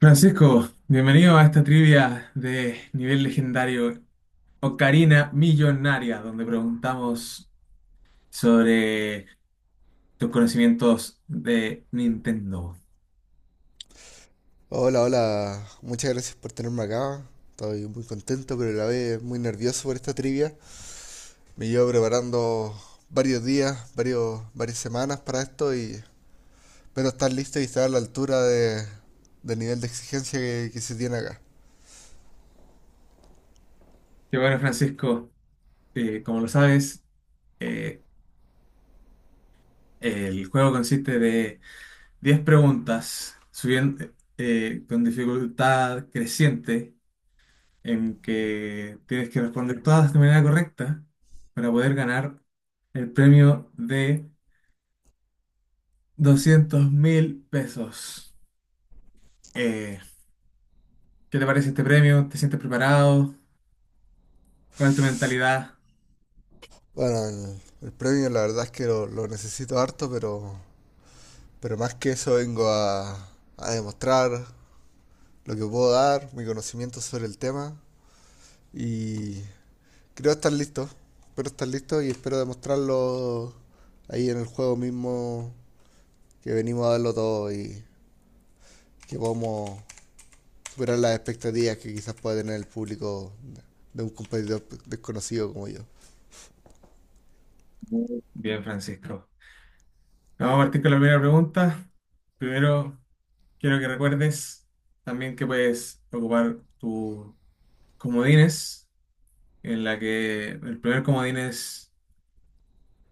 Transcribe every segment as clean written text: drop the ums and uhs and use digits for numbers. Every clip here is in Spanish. Francisco, bienvenido a esta trivia de nivel legendario Ocarina Millonaria, donde preguntamos sobre tus conocimientos de Nintendo. Hola, hola, muchas gracias por tenerme acá. Estoy muy contento, pero a la vez muy nervioso por esta trivia. Me llevo preparando varios días, varios, varias semanas para esto y espero estar listo y estar a la altura del nivel de exigencia que se tiene acá. Y bueno, Francisco, como lo sabes, eh, el juego consiste de 10 preguntas subiendo, con dificultad creciente, en que tienes que responder todas de manera correcta para poder ganar el premio de 200.000 pesos. Eh, ¿Qué te parece este premio? ¿Te sientes preparado? ¿Cuál es tu mentalidad? Bueno, el premio la verdad es que lo necesito harto, pero más que eso vengo a demostrar lo que puedo dar, mi conocimiento sobre el tema y creo estar listo. Espero estar listo y espero demostrarlo ahí en el juego mismo, que venimos a darlo todo y que podamos superar las expectativas que quizás pueda tener el público de un competidor desconocido como yo. Bien, Francisco. Vamos a partir con la primera pregunta. Primero, quiero que recuerdes también que puedes ocupar tus comodines, en la que el primer comodín es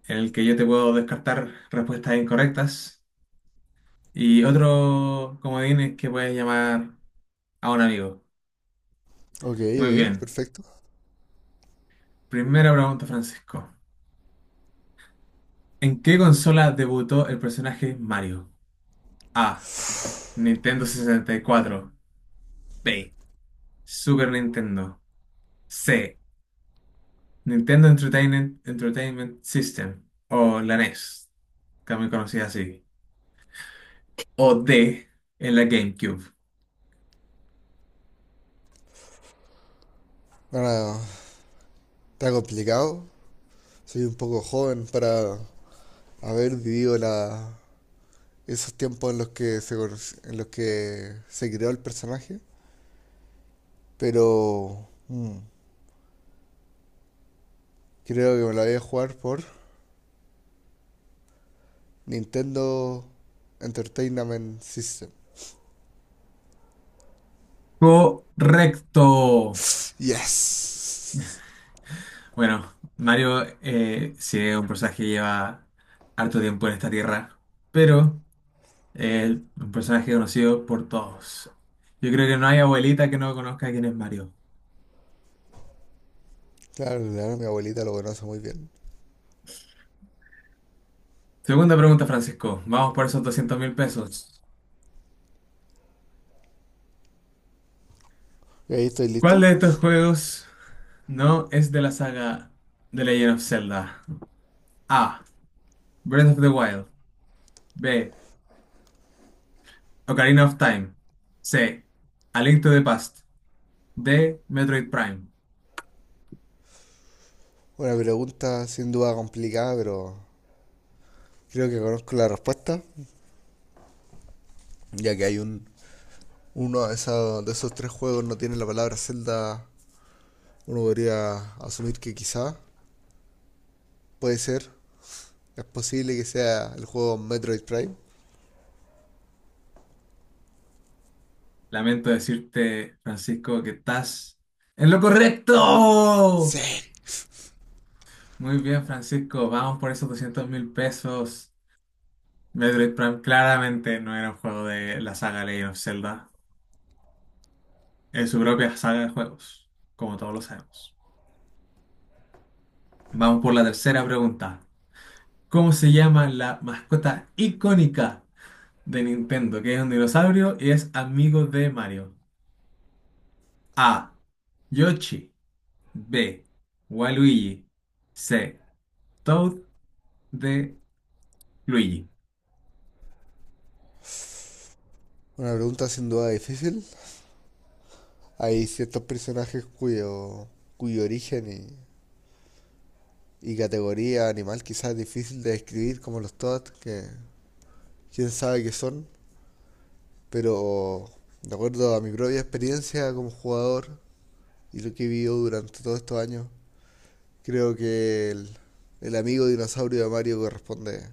en el que yo te puedo descartar respuestas incorrectas y otro comodín es que puedes llamar a un amigo. Ok, Muy ok, bien. perfecto. Primera pregunta, Francisco. ¿En qué consola debutó el personaje Mario? A. Nintendo 64. B. Super Nintendo. C. Nintendo Entertainment, Entertainment System. O la NES, también conocida así. O D. En la GameCube. Bueno, está complicado. Soy un poco joven para haber vivido esos tiempos en los en los que se creó el personaje, pero creo que me lo voy a jugar por Nintendo Entertainment System. Correcto. Yes. Bueno, Mario sí es un personaje que lleva harto tiempo en esta tierra, pero es un personaje conocido por todos. Yo creo que no hay abuelita que no conozca quién es Mario. Claro, claro, mi abuelita lo conoce muy bien. Segunda pregunta, Francisco. Vamos por esos 200.000 pesos. ¿Y ahí estoy ¿Cuál listo? de estos juegos no es de la saga The Legend of Zelda? A. Breath of the Wild. B. Ocarina of Time. C. A Link to the Past. D. Metroid Prime. Una pregunta sin duda complicada, pero creo que conozco la respuesta, ya que hay un uno de, de esos tres juegos no tiene la palabra Zelda. Uno podría asumir que quizá puede ser, es posible que sea el juego Metroid Prime. Lamento decirte, Francisco, que estás en lo correcto. Sí. Muy bien, Francisco. Vamos por esos 200 mil pesos. Metroid Prime claramente no era un juego de la saga Legend of Zelda, en su propia saga de juegos, como todos lo sabemos. Vamos por la tercera pregunta. ¿Cómo se llama la mascota icónica de Nintendo, que es un dinosaurio y es amigo de Mario? A. Yoshi. B. Waluigi. C. Toad. D. Luigi. Una pregunta sin duda difícil. Hay ciertos personajes cuyo origen y categoría animal quizás difícil de describir como los TOAD, que quién sabe qué son, pero de acuerdo a mi propia experiencia como jugador y lo que he vivido durante todos estos años, creo que el amigo dinosaurio de Mario corresponde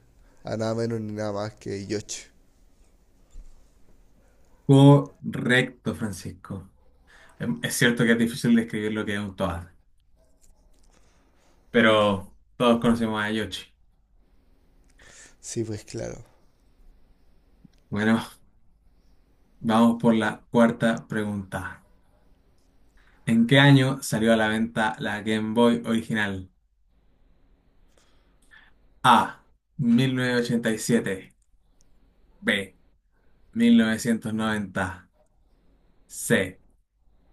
a nada menos ni nada más que Yoshi. Correcto, Francisco. Es cierto que es difícil describir lo que es un Toad, pero todos conocemos a Yoshi. Sí, pues claro. Bueno, vamos por la cuarta pregunta. ¿En qué año salió a la venta la Game Boy original? A. 1987. B. 1990. C.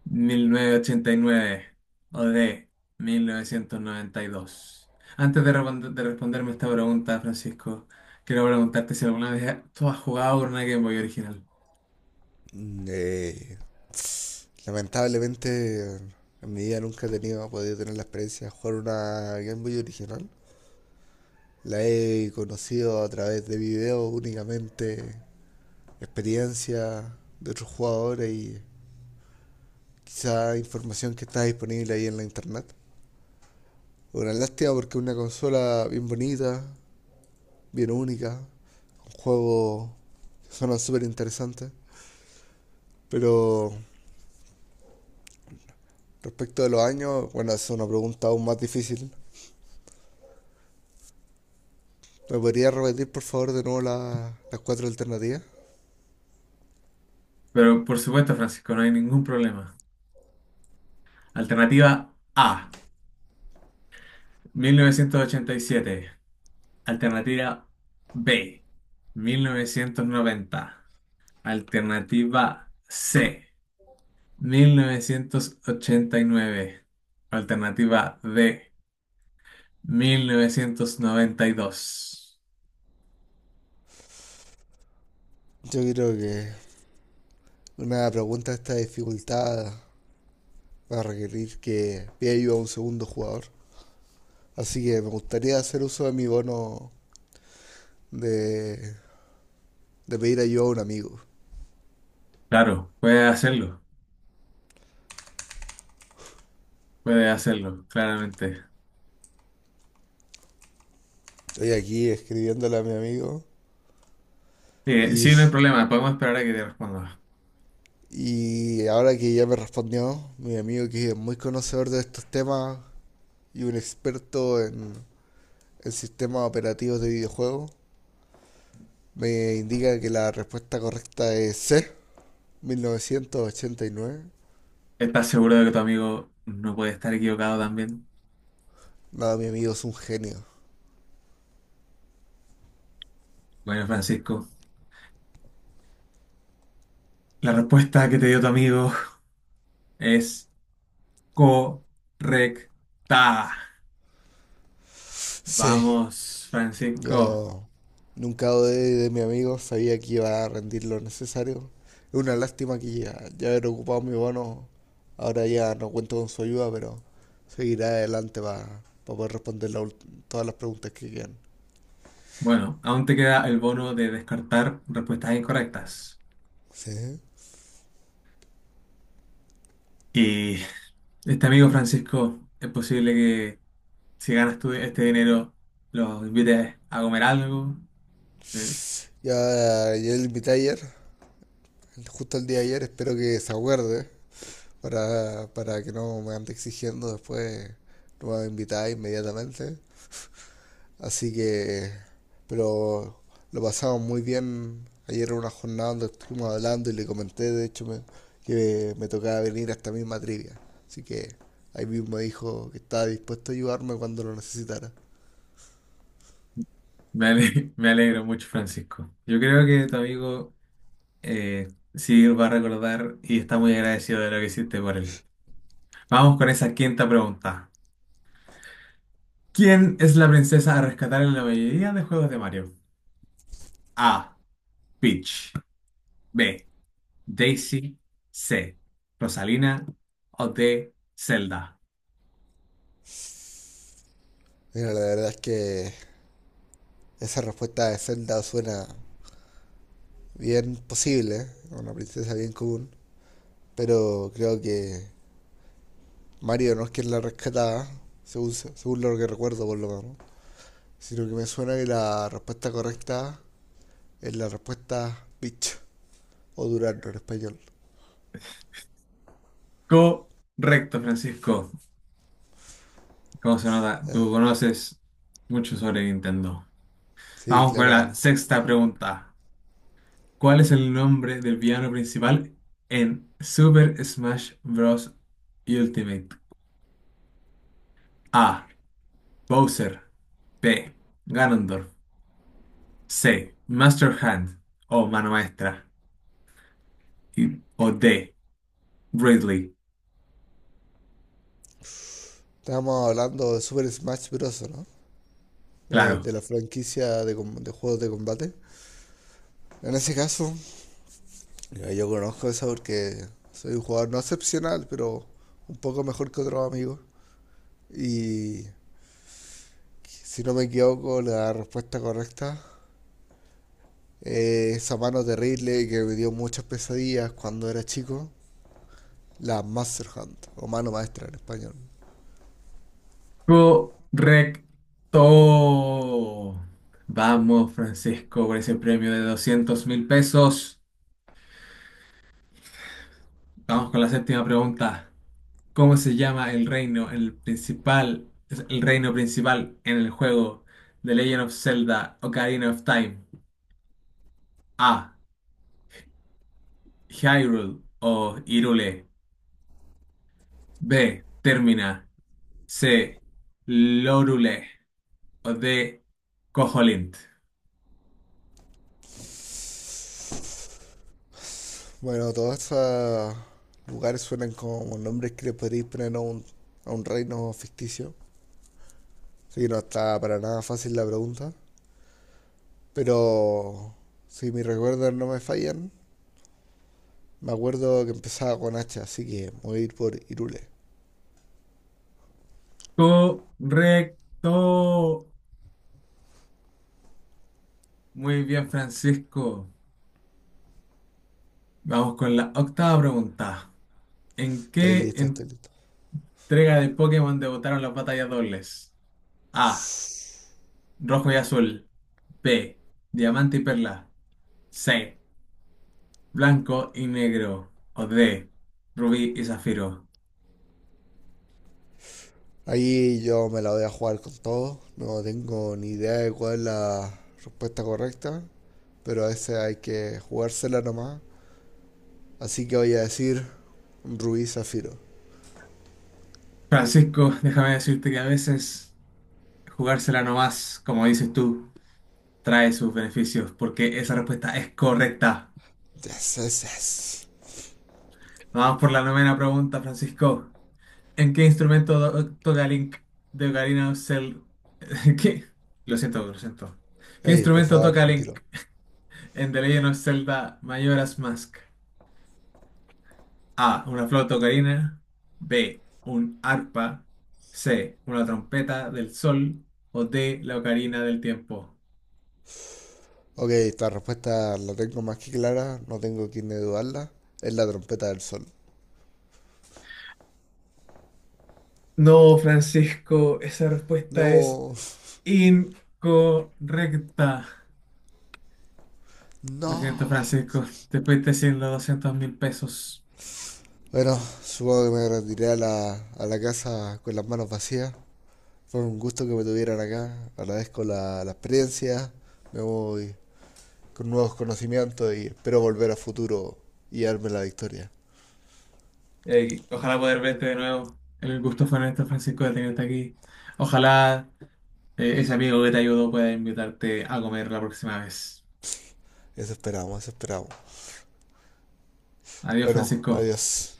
1989. O D. 1992. Antes de, de responderme esta pregunta, Francisco, quiero preguntarte si alguna vez tú has jugado con una Game Boy original. Mm, Eh, lamentablemente en mi vida nunca he tenido, he podido tener la experiencia de jugar una Game Boy original. La he conocido a través de videos únicamente, experiencia de otros jugadores y quizá información que está disponible ahí en la internet. Una lástima porque es una consola bien bonita, bien única, con juegos que suenan súper interesantes. Pero respecto de los años, bueno, es una pregunta aún más difícil. ¿Me podría repetir por favor de nuevo las cuatro alternativas? Pero por supuesto, Francisco, no hay ningún problema. Alternativa A. 1987. Alternativa B, 1990. Alternativa C, 1989. Alternativa D, 1992. Yo creo que una pregunta de esta dificultad va a requerir que pida ayuda a un segundo jugador. Así que me gustaría hacer uso de mi bono de, de pedir ayuda a un amigo. Claro, puede hacerlo, claramente. Estoy aquí escribiéndole a mi amigo y, Sí, no hay problema, podemos esperar a que te responda. y ahora que ya me respondió, mi amigo, que es muy conocedor de estos temas y un experto en sistemas operativos de videojuegos, me indica que la respuesta correcta es C, 1989. ¿Estás seguro de que tu amigo no puede estar equivocado también? Nada, mi amigo es un genio. Bueno, Francisco, la respuesta que te dio tu amigo es correcta. Sí. Vamos, Francisco. Yo nunca dudé de mi amigo, sabía que iba a rendir lo necesario. Es una lástima que ya haber ocupado mi bono, ahora ya no cuento con su ayuda, pero seguiré adelante para poder responder todas las preguntas que quedan. Bueno, aún te queda el bono de descartar respuestas incorrectas. Sí. Y este amigo Francisco, es posible que si ganas tú este dinero, los invites a comer algo. Eh, Ya, ya le invité ayer, justo el día de ayer, espero que se acuerde para que no me ande exigiendo después, no me va a invitar inmediatamente. Así que, pero lo pasamos muy bien. Ayer era una jornada donde estuvimos hablando y le comenté, de hecho, que me tocaba venir a esta misma trivia. Así que ahí mismo dijo que estaba dispuesto a ayudarme cuando lo necesitara. Me alegro mucho, Francisco. Yo creo que tu amigo sí va a recordar y está muy agradecido de lo que hiciste por él. Vamos con esa quinta pregunta. ¿Quién es la princesa a rescatar en la mayoría de juegos de Mario? A. Peach. B. Daisy. C. Rosalina o D. Zelda. Mira, la verdad es que esa respuesta de Zelda suena bien posible, ¿eh? Una princesa bien común, pero creo que Mario no es quien la rescataba, según lo que recuerdo por lo menos, sino que me suena que la respuesta correcta es la respuesta bitch o durazno en español. Correcto, Francisco. ¿Cómo se nota? Eh, Tú conoces mucho sobre Nintendo. sí, Vamos con la claramente. sexta pregunta. ¿Cuál es el nombre del villano principal en Super Smash Bros. Ultimate? A. Bowser. B. Ganondorf. C. Master Hand o mano maestra. O D. Ridley. Estábamos hablando de Super Smash Bros., ¿no? De Claro. la franquicia de, de juegos de combate. En ese caso, yo conozco eso porque soy un jugador no excepcional, pero un poco mejor que otros amigos. Y si no me equivoco, la respuesta correcta es esa mano terrible que me dio muchas pesadillas cuando era chico, la Master Hand, o mano maestra en español. Correcto. Vamos, Francisco, por ese premio de 200.000 pesos. Vamos con la séptima pregunta. ¿Cómo se llama el reino, el principal, el reino principal en el juego The Legend of Zelda Ocarina of Time? A. Hyrule o Hyrule. B. Termina. C. Lorule o D. Koholint. Bueno, todos estos lugares suenan como nombres que le podríais poner a a un reino ficticio. Así que no está para nada fácil la pregunta. Pero si mis recuerdos no me fallan, me acuerdo que empezaba con H, así que voy a ir por Irule. Correcto. Muy bien, Francisco. Vamos con la octava pregunta. ¿En Estoy qué listo, estoy listo. entrega de Pokémon debutaron las batallas dobles? A. Rojo y azul. B. Diamante y perla. C. Blanco y negro. O D. Rubí y zafiro. Ahí yo me la voy a jugar con todo. No tengo ni idea de cuál es la respuesta correcta. Pero a veces hay que jugársela nomás. Así que voy a decir Rubí Zafiro. Francisco, déjame decirte que a veces jugársela nomás, como dices tú, trae sus beneficios, porque esa respuesta es correcta. Yes, yes, yes. Vamos por la novena pregunta, Francisco. ¿En qué instrumento toca Link de Ocarina of Zelda? ¿Qué? Lo siento, lo siento. ¿Qué Ey, por instrumento favor, toca Link tranquilo. en The Legend of Zelda Majora's Mask? A. Una flauta ocarina. B. Un arpa. C. Una trompeta del sol. O D. La ocarina del tiempo. Ok, esta respuesta la tengo más que clara, no tengo quien dudarla. Es la trompeta del sol. No, Francisco, esa respuesta es No, incorrecta. Lo siento, no. Francisco. Te fuiste sin los 200.000 pesos. Bueno, supongo que me retiré a a la casa con las manos vacías. Fue un gusto que me tuvieran acá. Agradezco la experiencia. Me voy con nuevos conocimientos y espero volver a futuro y darme la victoria. Ojalá poder verte de nuevo. El gusto fue nuestro, Francisco, de tenerte aquí. Ojalá ese amigo que te ayudó pueda invitarte a comer la próxima vez. Eso esperamos, eso esperamos. Adiós, Bueno, Francisco. adiós.